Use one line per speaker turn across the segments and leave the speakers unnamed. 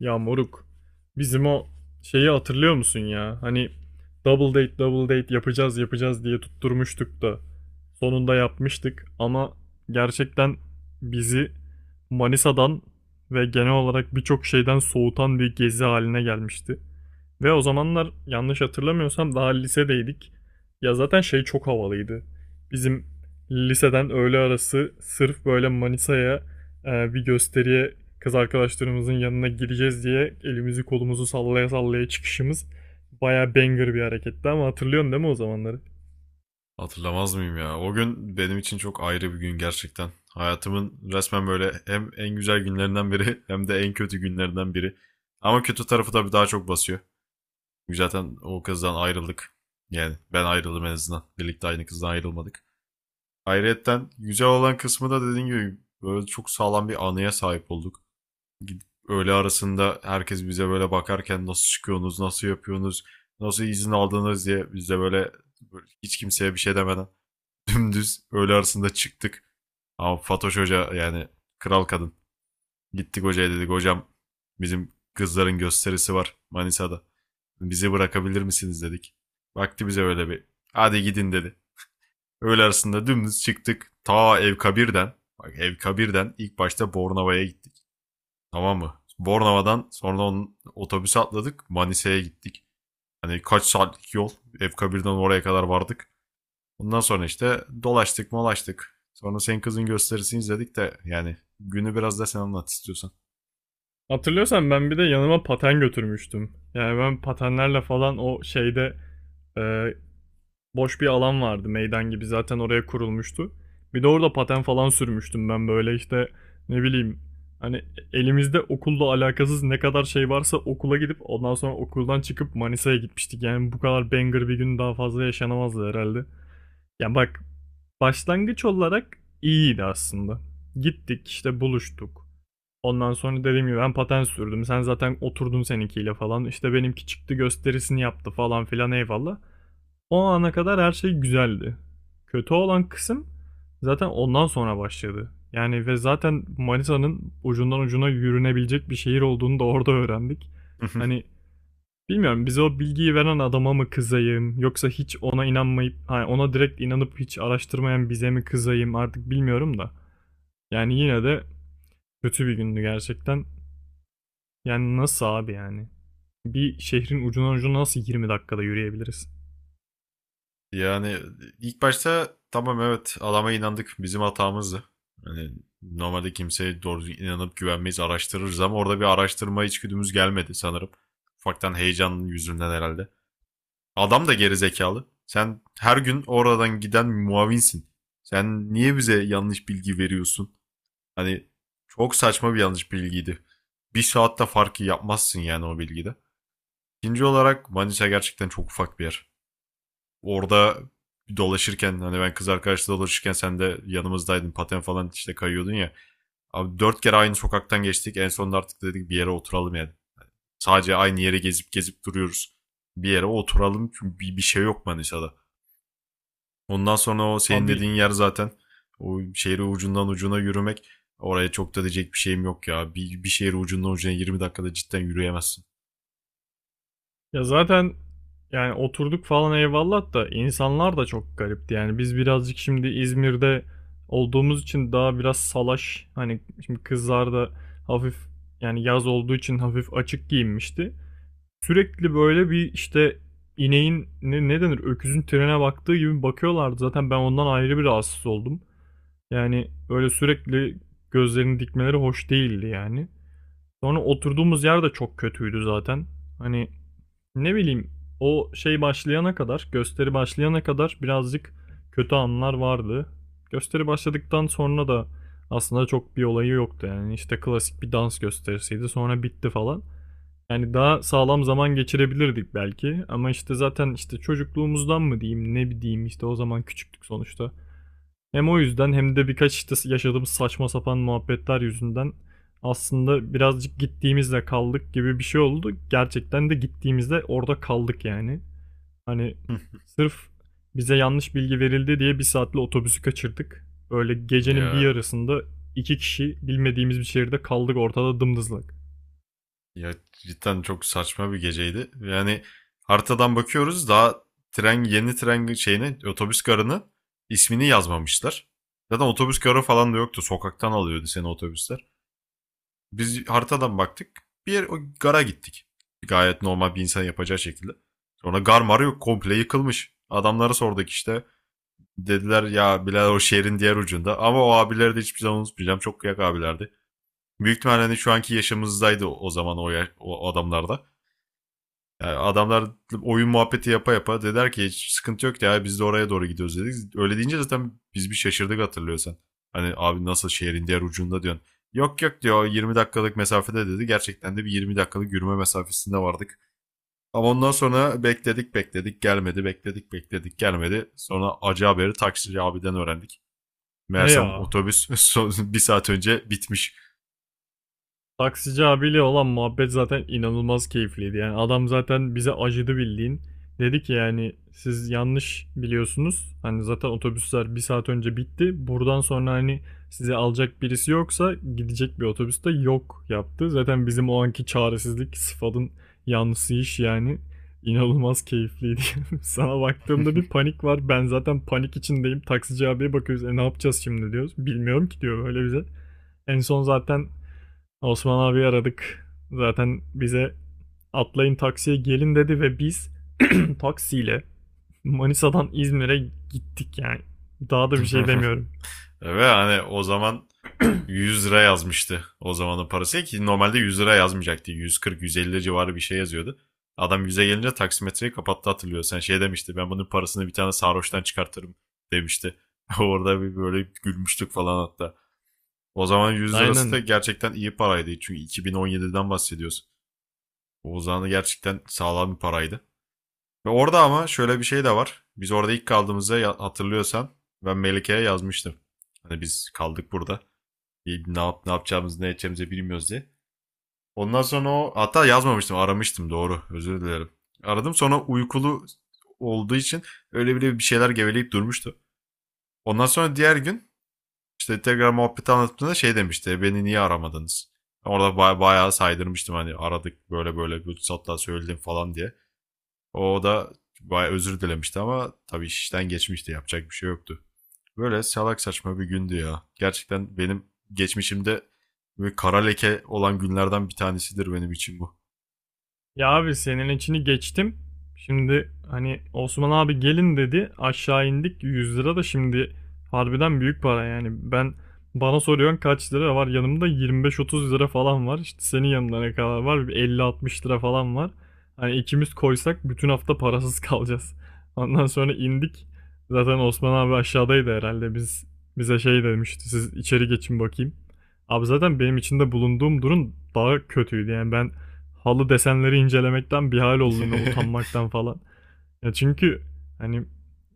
Ya moruk, bizim o şeyi hatırlıyor musun ya? Hani double date double date yapacağız yapacağız diye tutturmuştuk da sonunda yapmıştık ama gerçekten bizi Manisa'dan ve genel olarak birçok şeyden soğutan bir gezi haline gelmişti. Ve o zamanlar yanlış hatırlamıyorsam daha lisedeydik. Ya zaten şey çok havalıydı. Bizim liseden öğle arası sırf böyle Manisa'ya, bir gösteriye, kız arkadaşlarımızın yanına gideceğiz diye elimizi kolumuzu sallaya sallaya çıkışımız bayağı banger bir hareketti ama hatırlıyorsun değil mi o zamanları?
Hatırlamaz mıyım ya? O gün benim için çok ayrı bir gün gerçekten. Hayatımın resmen böyle hem en güzel günlerinden biri hem de en kötü günlerinden biri. Ama kötü tarafı tabii daha çok basıyor. Çünkü zaten o kızdan ayrıldık. Yani ben ayrıldım en azından. Birlikte aynı kızdan ayrılmadık. Ayrıyetten güzel olan kısmı da dediğim gibi böyle çok sağlam bir anıya sahip olduk. Gidip öğle arasında herkes bize böyle bakarken nasıl çıkıyorsunuz, nasıl yapıyorsunuz, nasıl izin aldınız diye bize böyle, böyle hiç kimseye bir şey demeden dümdüz öğle arasında çıktık. Ama Fatoş Hoca yani kral kadın. Gittik hocaya, dedik hocam bizim kızların gösterisi var Manisa'da. Bizi bırakabilir misiniz, dedik. Baktı bize öyle bir, hadi gidin dedi. Öğle arasında dümdüz çıktık. Ta Evkabir'den, bak Evkabir'den ilk başta Bornova'ya gittik. Tamam mı? Bornova'dan sonra onun otobüse atladık, Manisa'ya gittik. Hani kaç saatlik yol Evkabir'den oraya kadar vardık. Ondan sonra işte dolaştık molaştık. Sonra senin kızın gösterisini izledik de yani günü biraz da sen anlat istiyorsan.
Hatırlıyorsan ben bir de yanıma paten götürmüştüm. Yani ben patenlerle falan o şeyde, e, boş bir alan vardı, meydan gibi zaten oraya kurulmuştu. Bir de orada paten falan sürmüştüm ben böyle işte, ne bileyim, hani elimizde okulla alakasız ne kadar şey varsa okula gidip ondan sonra okuldan çıkıp Manisa'ya gitmiştik. Yani bu kadar banger bir gün daha fazla yaşanamazdı herhalde. Yani bak, başlangıç olarak iyiydi aslında. Gittik işte buluştuk. Ondan sonra dediğim gibi ben paten sürdüm. Sen zaten oturdun seninkiyle falan. İşte benimki çıktı gösterisini yaptı falan filan eyvallah. O ana kadar her şey güzeldi. Kötü olan kısım zaten ondan sonra başladı. Yani ve zaten Manisa'nın ucundan ucuna yürünebilecek bir şehir olduğunu da orada öğrendik. Hani bilmiyorum, bize o bilgiyi veren adama mı kızayım, yoksa hiç ona inanmayıp hani ona direkt inanıp hiç araştırmayan bize mi kızayım artık bilmiyorum da. Yani yine de kötü bir gündü gerçekten. Yani nasıl abi yani? Bir şehrin ucundan ucuna nasıl 20 dakikada yürüyebiliriz?
Yani ilk başta tamam, evet, adama inandık, bizim hatamızdı. Yani normalde kimseye doğru inanıp güvenmeyiz, araştırırız ama orada bir araştırma içgüdümüz gelmedi sanırım. Ufaktan heyecanın yüzünden herhalde. Adam da geri zekalı. Sen her gün oradan giden muavinsin. Sen niye bize yanlış bilgi veriyorsun? Hani çok saçma bir yanlış bilgiydi. Bir saatte farkı yapmazsın yani o bilgide. İkinci olarak Manisa gerçekten çok ufak bir yer. Orada dolaşırken hani ben kız arkadaşla dolaşırken sen de yanımızdaydın, paten falan işte kayıyordun ya. Abi dört kere aynı sokaktan geçtik, en sonunda artık dedik bir yere oturalım yani. Sadece aynı yere gezip gezip duruyoruz. Bir yere oturalım çünkü bir şey yok Manisa'da. Ondan sonra o senin
Abi.
dediğin yer zaten o şehri ucundan ucuna yürümek, oraya çok da diyecek bir şeyim yok ya. Bir şehri ucundan ucuna 20 dakikada cidden yürüyemezsin.
Ya zaten yani oturduk falan eyvallah da, insanlar da çok garipti. Yani biz birazcık, şimdi İzmir'de olduğumuz için, daha biraz salaş. Hani şimdi kızlar da hafif, yani yaz olduğu için hafif açık giyinmişti. Sürekli böyle bir işte, ineğin ne denir, öküzün trene baktığı gibi bakıyorlardı. Zaten ben ondan ayrı bir rahatsız oldum. Yani öyle sürekli gözlerini dikmeleri hoş değildi yani. Sonra oturduğumuz yer de çok kötüydü zaten. Hani ne bileyim, o şey başlayana kadar, gösteri başlayana kadar birazcık kötü anlar vardı. Gösteri başladıktan sonra da aslında çok bir olayı yoktu yani. İşte klasik bir dans gösterisiydi, sonra bitti falan. Yani daha sağlam zaman geçirebilirdik belki ama işte zaten işte çocukluğumuzdan mı diyeyim ne diyeyim, işte o zaman küçüktük sonuçta. Hem o yüzden hem de birkaç işte yaşadığımız saçma sapan muhabbetler yüzünden aslında birazcık gittiğimizde kaldık gibi bir şey oldu. Gerçekten de gittiğimizde orada kaldık yani. Hani sırf bize yanlış bilgi verildi diye bir saatli otobüsü kaçırdık. Öyle gecenin bir
Ya
yarısında iki kişi bilmediğimiz bir şehirde kaldık ortada dımdızlak.
ya cidden çok saçma bir geceydi. Yani haritadan bakıyoruz daha, tren yeni tren şeyine otobüs garını ismini yazmamışlar. Zaten otobüs garı falan da yoktu. Sokaktan alıyordu seni otobüsler. Biz haritadan baktık. Bir yer, o gara gittik. Gayet normal bir insan yapacağı şekilde. Sonra gar mar yok. Komple yıkılmış. Adamlara sorduk işte. Dediler ya Bilal o şehrin diğer ucunda. Ama o abileri de hiçbir zaman unutmayacağım. Çok kıyak abilerdi. Büyük ihtimalle hani şu anki yaşımızdaydı o zaman o adamlarda. Yani adamlar oyun muhabbeti yapa yapa dediler ki hiç sıkıntı yok ya, biz de oraya doğru gidiyoruz dedik. Öyle deyince zaten biz bir şaşırdık, hatırlıyorsan. Hani abi nasıl şehrin diğer ucunda diyorsun. Yok yok diyor, 20 dakikalık mesafede dedi. Gerçekten de bir 20 dakikalık yürüme mesafesinde vardık. Ama ondan sonra bekledik bekledik gelmedi, bekledik bekledik gelmedi. Sonra acı haberi taksici abiden öğrendik.
He
Meğersem
ya.
otobüs bir saat önce bitmiş.
Taksici abiyle olan muhabbet zaten inanılmaz keyifliydi. Yani adam zaten bize acıdı bildiğin. Dedi ki yani siz yanlış biliyorsunuz. Hani zaten otobüsler bir saat önce bitti. Buradan sonra hani sizi alacak birisi yoksa gidecek bir otobüs de yok yaptı. Zaten bizim o anki çaresizlik sıfatın yanlısı iş yani. İnanılmaz keyifliydi. Sana baktığımda bir panik var. Ben zaten panik içindeyim. Taksici abiye bakıyoruz. E ne yapacağız şimdi diyoruz. Bilmiyorum ki diyor böyle bize. En son zaten Osman abi aradık. Zaten bize atlayın taksiye gelin dedi ve biz taksiyle Manisa'dan İzmir'e gittik yani. Daha da bir şey demiyorum.
Ve hani o zaman 100 lira yazmıştı o zamanın parası ki normalde 100 lira yazmayacaktı. 140-150 civarı bir şey yazıyordu. Adam 100'e gelince taksimetreyi kapattı, hatırlıyor. Sen şey demişti, ben bunun parasını bir tane sarhoştan çıkartırım demişti. Orada bir böyle gülmüştük falan hatta. O zaman 100 lirası da
Aynen.
gerçekten iyi paraydı. Çünkü 2017'den bahsediyoruz. O zaman gerçekten sağlam bir paraydı. Ve orada ama şöyle bir şey de var. Biz orada ilk kaldığımızda hatırlıyorsan ben Melike'ye yazmıştım. Hani biz kaldık burada ne yapacağımızı ne edeceğimizi bilmiyoruz diye. Ondan sonra o hatta yazmamıştım, aramıştım, doğru, özür dilerim. Aradım, sonra uykulu olduğu için öyle bile bir şeyler geveleyip durmuştu. Ondan sonra diğer gün işte tekrar muhabbeti anlattığında şey demişti, beni niye aramadınız? Orada bayağı saydırmıştım, hani aradık böyle böyle bir hatta söyledim falan diye. O da bayağı özür dilemişti ama tabii işten geçmişti, yapacak bir şey yoktu. Böyle salak saçma bir gündü ya. Gerçekten benim geçmişimde böyle kara leke olan günlerden bir tanesidir benim için bu.
Ya abi, senin içini geçtim. Şimdi hani Osman abi gelin dedi. Aşağı indik, 100 lira da şimdi harbiden büyük para yani. Ben, bana soruyorsun kaç lira var? Yanımda 25-30 lira falan var. İşte senin yanında ne kadar var? Bir 50-60 lira falan var. Hani ikimiz koysak bütün hafta parasız kalacağız. Ondan sonra indik. Zaten Osman abi aşağıdaydı herhalde. Biz, bize şey demişti. Siz içeri geçin bakayım. Abi zaten benim içinde bulunduğum durum daha kötüydü. Yani ben halı desenleri incelemekten bir hal oldum ya, utanmaktan falan. Ya çünkü hani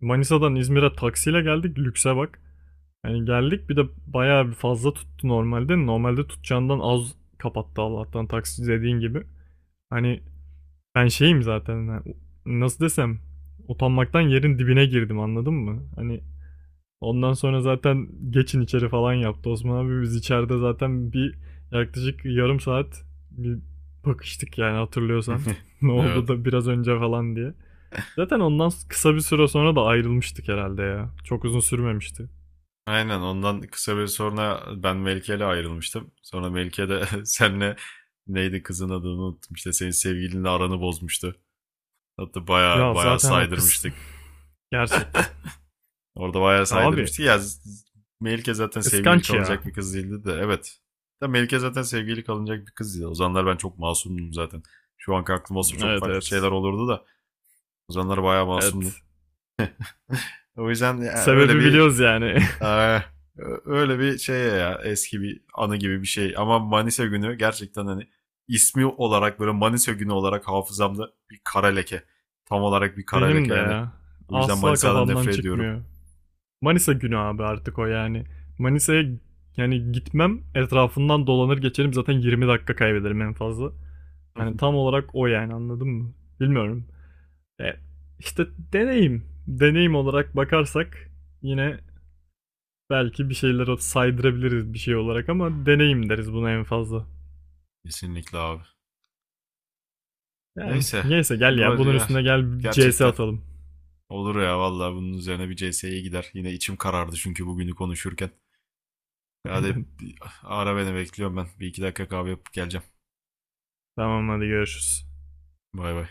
Manisa'dan İzmir'e taksiyle geldik, lükse bak. Hani geldik, bir de bayağı bir fazla tuttu normalde. Normalde tutacağından az kapattı Allah'tan, taksi dediğin gibi. Hani ben şeyim zaten, yani nasıl desem, utanmaktan yerin dibine girdim anladın mı? Hani ondan sonra zaten geçin içeri falan yaptı Osman abi. Biz içeride zaten bir yaklaşık yarım saat bir bakıştık yani, hatırlıyorsan. Ne oldu
Evet.
da biraz önce falan diye. Zaten ondan kısa bir süre sonra da ayrılmıştık herhalde ya. Çok uzun sürmemişti.
Aynen, ondan kısa bir sonra ben Melike ile ayrılmıştım. Sonra Melike de senle, neydi, kızın adını unuttum işte, senin sevgilinle aranı bozmuştu. Hatta baya
Ya
baya
zaten o kız
saydırmıştık.
gerçekten.
Orada bayağı
Ya abi,
saydırmıştı. Ya Melike zaten sevgili
kıskanç ya.
kalınacak bir kız değildi de, evet. Da Melike zaten sevgili kalınacak bir kız. O zamanlar ben çok masumdum zaten. Şu anki aklım olsa çok
Evet
farklı şeyler
evet.
olurdu da o zamanlar bayağı masumdum.
Evet.
O yüzden öyle
Sebebi
bir
biliyoruz yani.
eh, öyle bir şey ya, eski bir anı gibi bir şey. Ama Manisa günü gerçekten hani ismi olarak böyle Manisa günü olarak hafızamda bir kara leke. Tam olarak bir kara
Benim
leke
de
yani.
ya.
O yüzden
Asla
Manisa'dan
kafamdan
nefret ediyorum.
çıkmıyor. Manisa günü abi artık o yani. Manisa'ya, yani gitmem, etrafından dolanır geçerim, zaten 20 dakika kaybederim en fazla. Hani tam olarak o yani, anladın mı? Bilmiyorum. E, işte deneyim. Deneyim olarak bakarsak yine belki bir şeyler saydırabiliriz bir şey olarak ama deneyim deriz buna en fazla.
Kesinlikle abi.
Yani
Neyse.
neyse, gel
Bu
ya,
var
bunun
ya,
üstüne gel CS
gerçekten
atalım.
olur ya vallahi, bunun üzerine bir CS'ye gider. Yine içim karardı çünkü bugünü konuşurken. Hadi
Aynen.
ara beni, bekliyorum ben. Bir iki dakika kahve yapıp geleceğim.
Tamam hadi görüşürüz.
Bay bay.